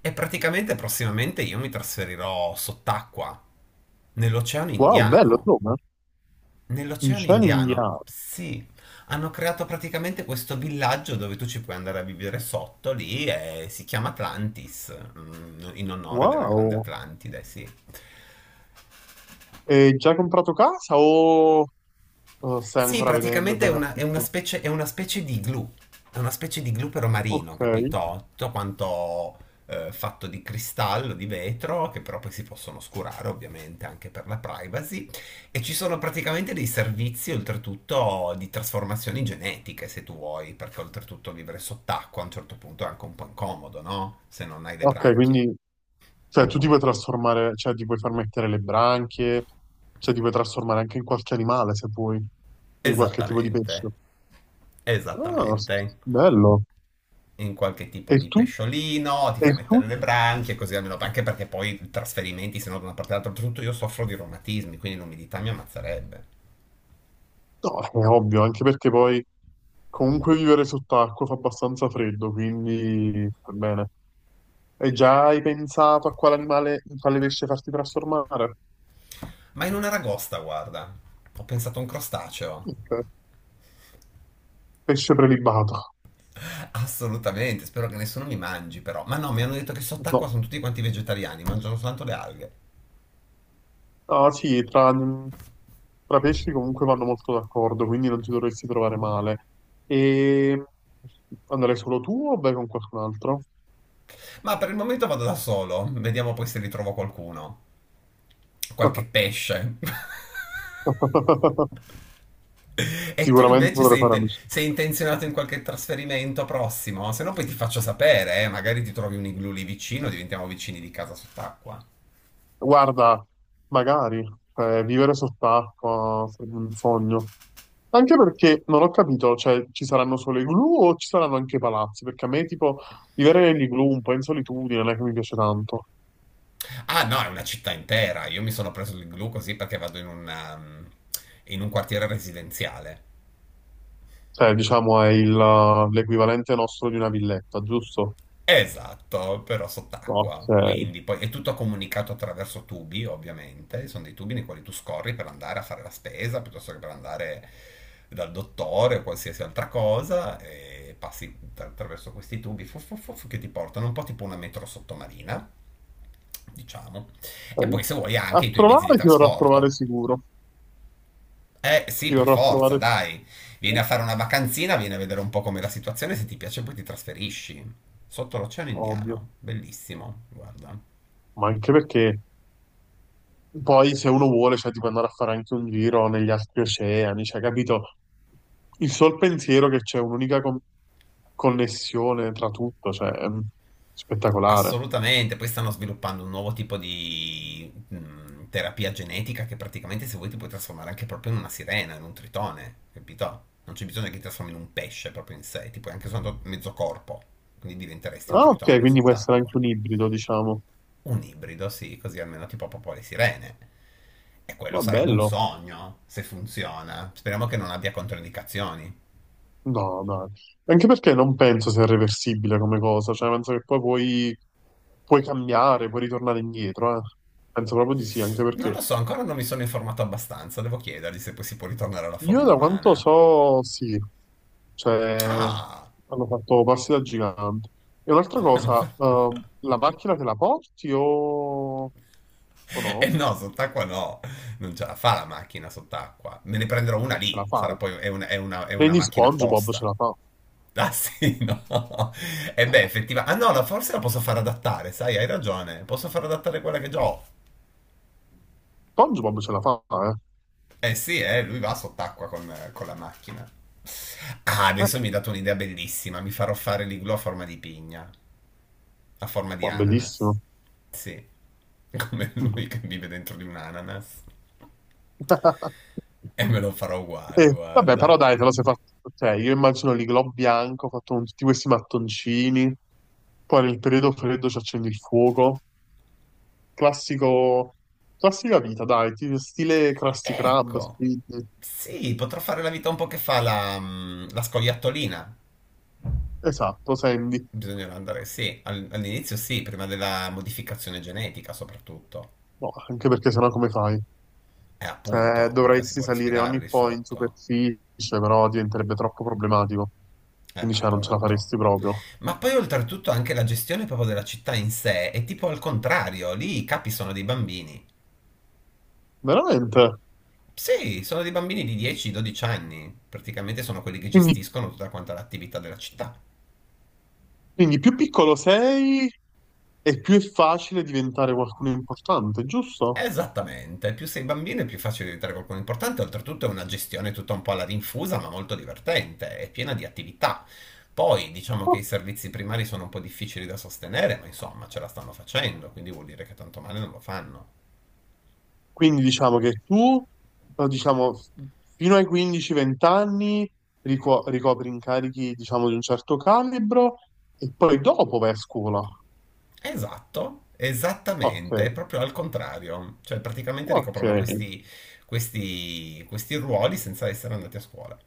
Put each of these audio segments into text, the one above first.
E praticamente prossimamente io mi trasferirò sott'acqua, nell'Oceano Wow, bello, Indiano. Roma. In Nell'Oceano cielo Indiano, indiano. sì, hanno creato praticamente questo villaggio dove tu ci puoi andare a vivere sotto lì e si chiama Atlantis, in onore della grande Wow. Atlantide, sì. E già hai comprato casa o stai Sì, ancora vedendo praticamente è bene una, è una affitto? specie, è una specie di glue. È una specie di glue però Ok. marino, capito? Tutto quanto fatto di cristallo, di vetro, che però poi si possono oscurare ovviamente anche per la privacy. E ci sono praticamente dei servizi oltretutto di trasformazioni genetiche, se tu vuoi, perché oltretutto vivere sott'acqua a un certo punto è anche un po' incomodo, no? Se non hai le Ok, branchie. quindi cioè, tu ti puoi trasformare, cioè ti puoi far mettere le branchie, cioè ti puoi trasformare anche in qualche animale se vuoi, in qualche tipo di pesce. Esattamente. Ah, Esattamente. bello. In qualche tipo E di tu? pesciolino, ti E fai tu? mettere le branchie, così almeno anche perché poi i trasferimenti, se no da una parte all'altra, tutto io soffro di reumatismi, quindi l'umidità mi ammazzerebbe. No, è ovvio, anche perché poi comunque vivere sott'acqua fa abbastanza freddo, quindi va bene. E già hai pensato a quale animale, in quale pesce farti trasformare? Ma in una ragosta, guarda, ho pensato a un crostaceo. Ok. Pesce prelibato. Assolutamente, spero che nessuno mi mangi però. Ma no, mi hanno detto che sott'acqua No. sono tutti quanti vegetariani, mangiano soltanto le alghe. Ah sì, tra pesci comunque vanno molto d'accordo, quindi non ti dovresti trovare male. E andrai solo tu o vai con qualcun altro? Ma per il momento vado da solo, vediamo poi se ritrovo qualcuno. Qualche pesce. E tu Sicuramente invece dovrei sei, fare inte- sei amicizia. intenzionato in qualche trasferimento prossimo? Se no poi ti faccio sapere, magari ti trovi un igloo lì vicino, diventiamo vicini di casa sott'acqua. Guarda, magari vivere sott'acqua sarebbe un sogno. Anche perché non ho capito, cioè ci saranno solo i igloo o ci saranno anche i palazzi? Perché a me tipo vivere negli igloo un po' in solitudine non è che mi piace tanto. Ah no, è una città intera, io mi sono preso l'igloo così perché vado in un quartiere residenziale. Cioè, diciamo è l'equivalente nostro di una villetta, giusto? Esatto, però Ok. sott'acqua, quindi poi è tutto comunicato attraverso tubi, ovviamente, sono dei tubi nei quali tu scorri per andare a fare la spesa, piuttosto che per andare dal dottore o qualsiasi altra cosa, e passi attraverso questi tubi che ti portano un po' tipo una metro sottomarina, diciamo, e poi se vuoi A anche i tuoi mezzi di trovare ti verrò a trovare trasporto. sicuro. Eh sì, Ti per verrò a forza, trovare dai. Vieni a fare una vacanzina, vieni a vedere un po' com'è la situazione, se ti piace poi ti trasferisci. Sotto l'Oceano Ovvio, Indiano, bellissimo, guarda. ma anche perché poi se uno vuole, cioè, ti può andare a fare anche un giro negli altri oceani, cioè, capito? Il sol pensiero che c'è un'unica connessione tra tutto, cioè, è spettacolare. Assolutamente, poi stanno sviluppando un nuovo tipo di terapia genetica che praticamente se vuoi ti puoi trasformare anche proprio in una sirena, in un tritone, capito? Non c'è bisogno che ti trasformi in un pesce proprio in sé, ti puoi anche soltanto mezzo corpo, quindi diventeresti un Ah, ok, tritone quindi può essere sott'acqua. anche un ibrido, diciamo. Un ibrido, sì, così almeno tipo Popò le sirene. E quello Ma sarebbe un bello. sogno, se funziona. Speriamo che non abbia controindicazioni. No, dai. Anche perché non penso sia reversibile come cosa, cioè, penso che poi puoi, cambiare, puoi ritornare indietro, eh. Penso proprio di sì, anche Non lo perché so, ancora non mi sono informato abbastanza, devo chiedergli se poi si può ritornare alla io forma da quanto umana. so, sì, cioè Ah! hanno fatto passi da gigante. E un'altra cosa, la macchina te la porti o E no? no, sott'acqua no, non ce la fa la macchina sott'acqua. Me ne prenderò una No, ce la lì, fai. sarà poi, è una Prendi macchina SpongeBob, ce apposta. la fa. Ah sì, no. E beh, effettivamente. Ah no, forse la posso far adattare, sai, hai ragione. Posso far adattare quella che già ho. SpongeBob ce la fa, eh? Eh sì, lui va sott'acqua con la macchina. Ah, Eh, adesso mi hai dato un'idea bellissima. Mi farò fare l'igloo a forma di pigna, a forma di qua, ananas. bellissimo. Sì, come Mm. lui che vive dentro di un ananas. E me lo farò uguale, vabbè, però guarda. dai, te lo sei fatto. Cioè, io immagino l'iglò bianco ho fatto con tutti questi mattoncini. Poi nel periodo freddo ci accendi il fuoco. Classico, classica vita, dai, stile Krusty Krab, Ecco. Squid. Sì, potrò fare la vita un po' che fa la scoiattolina. Esatto, Sandy. Bisognerà andare, sì, all'inizio sì, prima della modificazione genetica soprattutto. No, anche perché sennò come fai? Appunto, mica si Dovresti può salire respirare ogni lì po' in sotto. superficie, però diventerebbe troppo problematico. Quindi cioè, non ce la Appunto. faresti proprio. Ma poi oltretutto anche la gestione proprio della città in sé è tipo al contrario, lì i capi sono dei bambini. Veramente. Sì, sono dei bambini di 10-12 anni, praticamente sono quelli che Quindi, gestiscono tutta quanta l'attività della città. quindi più piccolo sei e più è facile diventare qualcuno importante, giusto? Esattamente, più sei bambino è più facile diventare qualcuno importante, oltretutto è una gestione tutta un po' alla rinfusa, ma molto divertente, è piena di attività. Poi diciamo che i servizi primari sono un po' difficili da sostenere, ma insomma ce la stanno facendo, quindi vuol dire che tanto male non lo fanno. Quindi diciamo che tu, però, diciamo, fino ai 15-20 anni ricopri incarichi, diciamo, di un certo calibro e poi dopo vai a scuola. Esatto, Ok, esattamente, è proprio al contrario, cioè praticamente ok. ricoprono questi ruoli senza essere andati a scuola.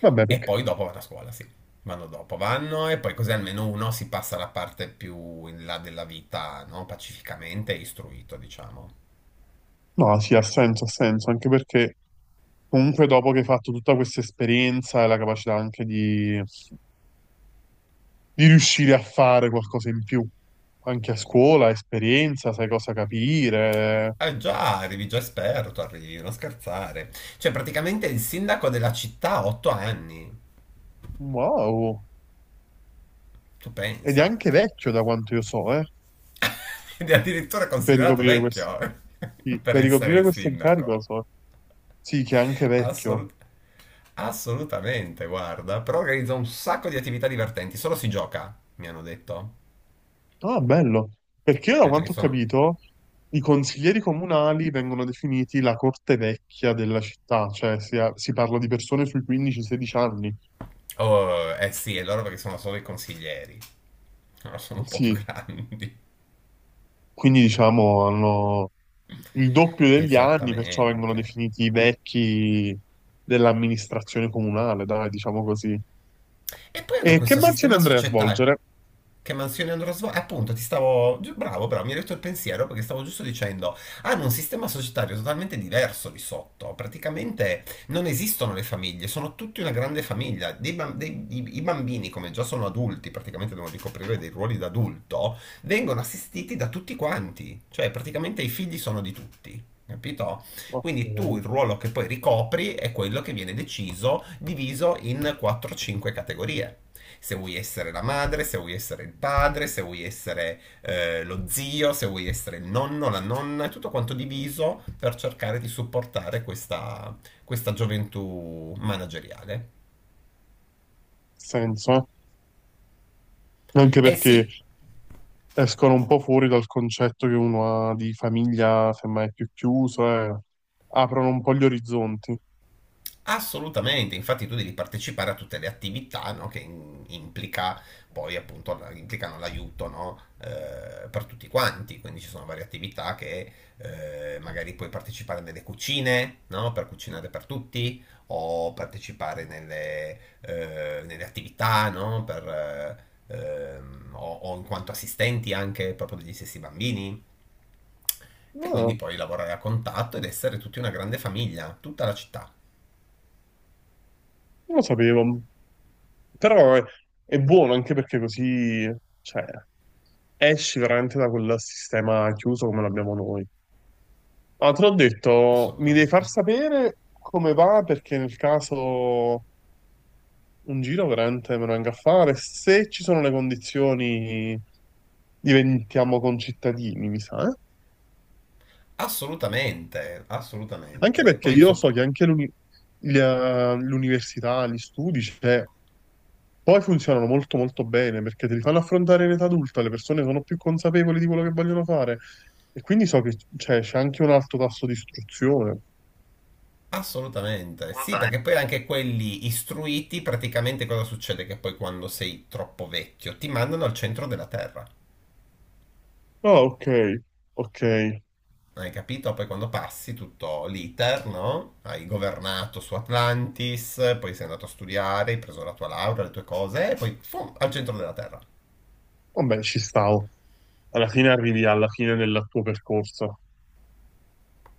Vabbè, E perché. poi dopo vanno a scuola, sì. Vanno dopo, vanno e poi così almeno uno si passa la parte più in là della vita, no? Pacificamente e istruito, diciamo. No, sì, ha senso, anche perché comunque dopo che hai fatto tutta questa esperienza e la capacità anche di riuscire a fare qualcosa in più, anche a scuola, esperienza, sai cosa capire. Eh già, arrivi già esperto, arrivi, non scherzare. Cioè, praticamente il sindaco della città ha 8 anni. Wow. Tu Ed è pensa. anche vecchio da quanto io so, eh. Ed è addirittura Per considerato ricoprire questo. vecchio Sì, per per essere ricoprire il questo incarico, sindaco. so. Sì, che è anche vecchio. Assolut- assolutamente, guarda. Però organizza un sacco di attività divertenti, solo si gioca, mi hanno detto. Mi Ah, bello. Perché hanno io, da detto che ci quanto ho sono. capito, i consiglieri comunali vengono definiti la corte vecchia della città, cioè si, si parla di persone sui 15-16 anni. Oh, eh sì, è loro perché sono solo i consiglieri. Loro sono un po' più Sì, grandi. quindi diciamo hanno il doppio degli anni, perciò vengono Esattamente. definiti i vecchi dell'amministrazione comunale, dai, diciamo così. E poi hanno E che questo mansione sistema andrei a societario. svolgere? Che mansioni andrò a svolgere? Appunto, ti stavo. Bravo, bravo, mi hai detto il pensiero perché stavo giusto dicendo. Hanno un sistema societario totalmente diverso lì sotto. Praticamente non esistono le famiglie, sono tutti una grande famiglia. Dei bam- dei- i, I bambini, come già sono adulti, praticamente devono ricoprire dei ruoli da adulto, vengono assistiti da tutti quanti. Cioè, praticamente i figli sono di tutti. Capito? Ok, Quindi tu il ruolo che poi ricopri è quello che viene deciso, diviso in 4-5 categorie. Se vuoi essere la madre, se vuoi essere il padre, se vuoi essere lo zio, se vuoi essere il nonno, la nonna, è tutto quanto diviso per cercare di supportare questa gioventù manageriale. senso. Anche E perché sì, escono un po' fuori dal concetto che uno ha di famiglia, semmai più chiuso, e aprono un po' gli orizzonti. assolutamente, infatti tu devi partecipare a tutte le attività, no, che implica poi appunto implicano l'aiuto, no, per tutti quanti, quindi ci sono varie attività che magari puoi partecipare nelle cucine, no, per cucinare per tutti, o partecipare nelle attività, no, o in quanto assistenti anche proprio degli stessi bambini, e quindi No, poi lavorare a contatto ed essere tutti una grande famiglia, tutta la città, non lo sapevo, però è buono anche perché così, cioè, esci veramente da quel sistema chiuso come l'abbiamo noi. Ma te l'ho detto, mi devi far assolutamente. sapere come va perché nel caso un giro veramente me lo venga a fare, se ci sono le condizioni diventiamo concittadini, mi sa, eh? Assolutamente, Anche assolutamente. E perché poi io insomma, so che anche l'università, gli studi, cioè, poi funzionano molto molto bene perché te li fanno affrontare in età adulta, le persone sono più consapevoli di quello che vogliono fare e quindi so che cioè, c'è anche un alto tasso di istruzione. assolutamente. Sì, Assolutamente. perché poi anche quelli istruiti, praticamente cosa succede? Che poi quando sei troppo vecchio ti mandano al centro della terra. Ah, ok, ok. Hai capito? Poi quando passi tutto l'iter, no? Hai governato su Atlantis, poi sei andato a studiare, hai preso la tua laurea, le tue cose, e poi fum, al centro della terra. Vabbè, ci stavo. Alla fine arrivi alla fine del tuo percorso.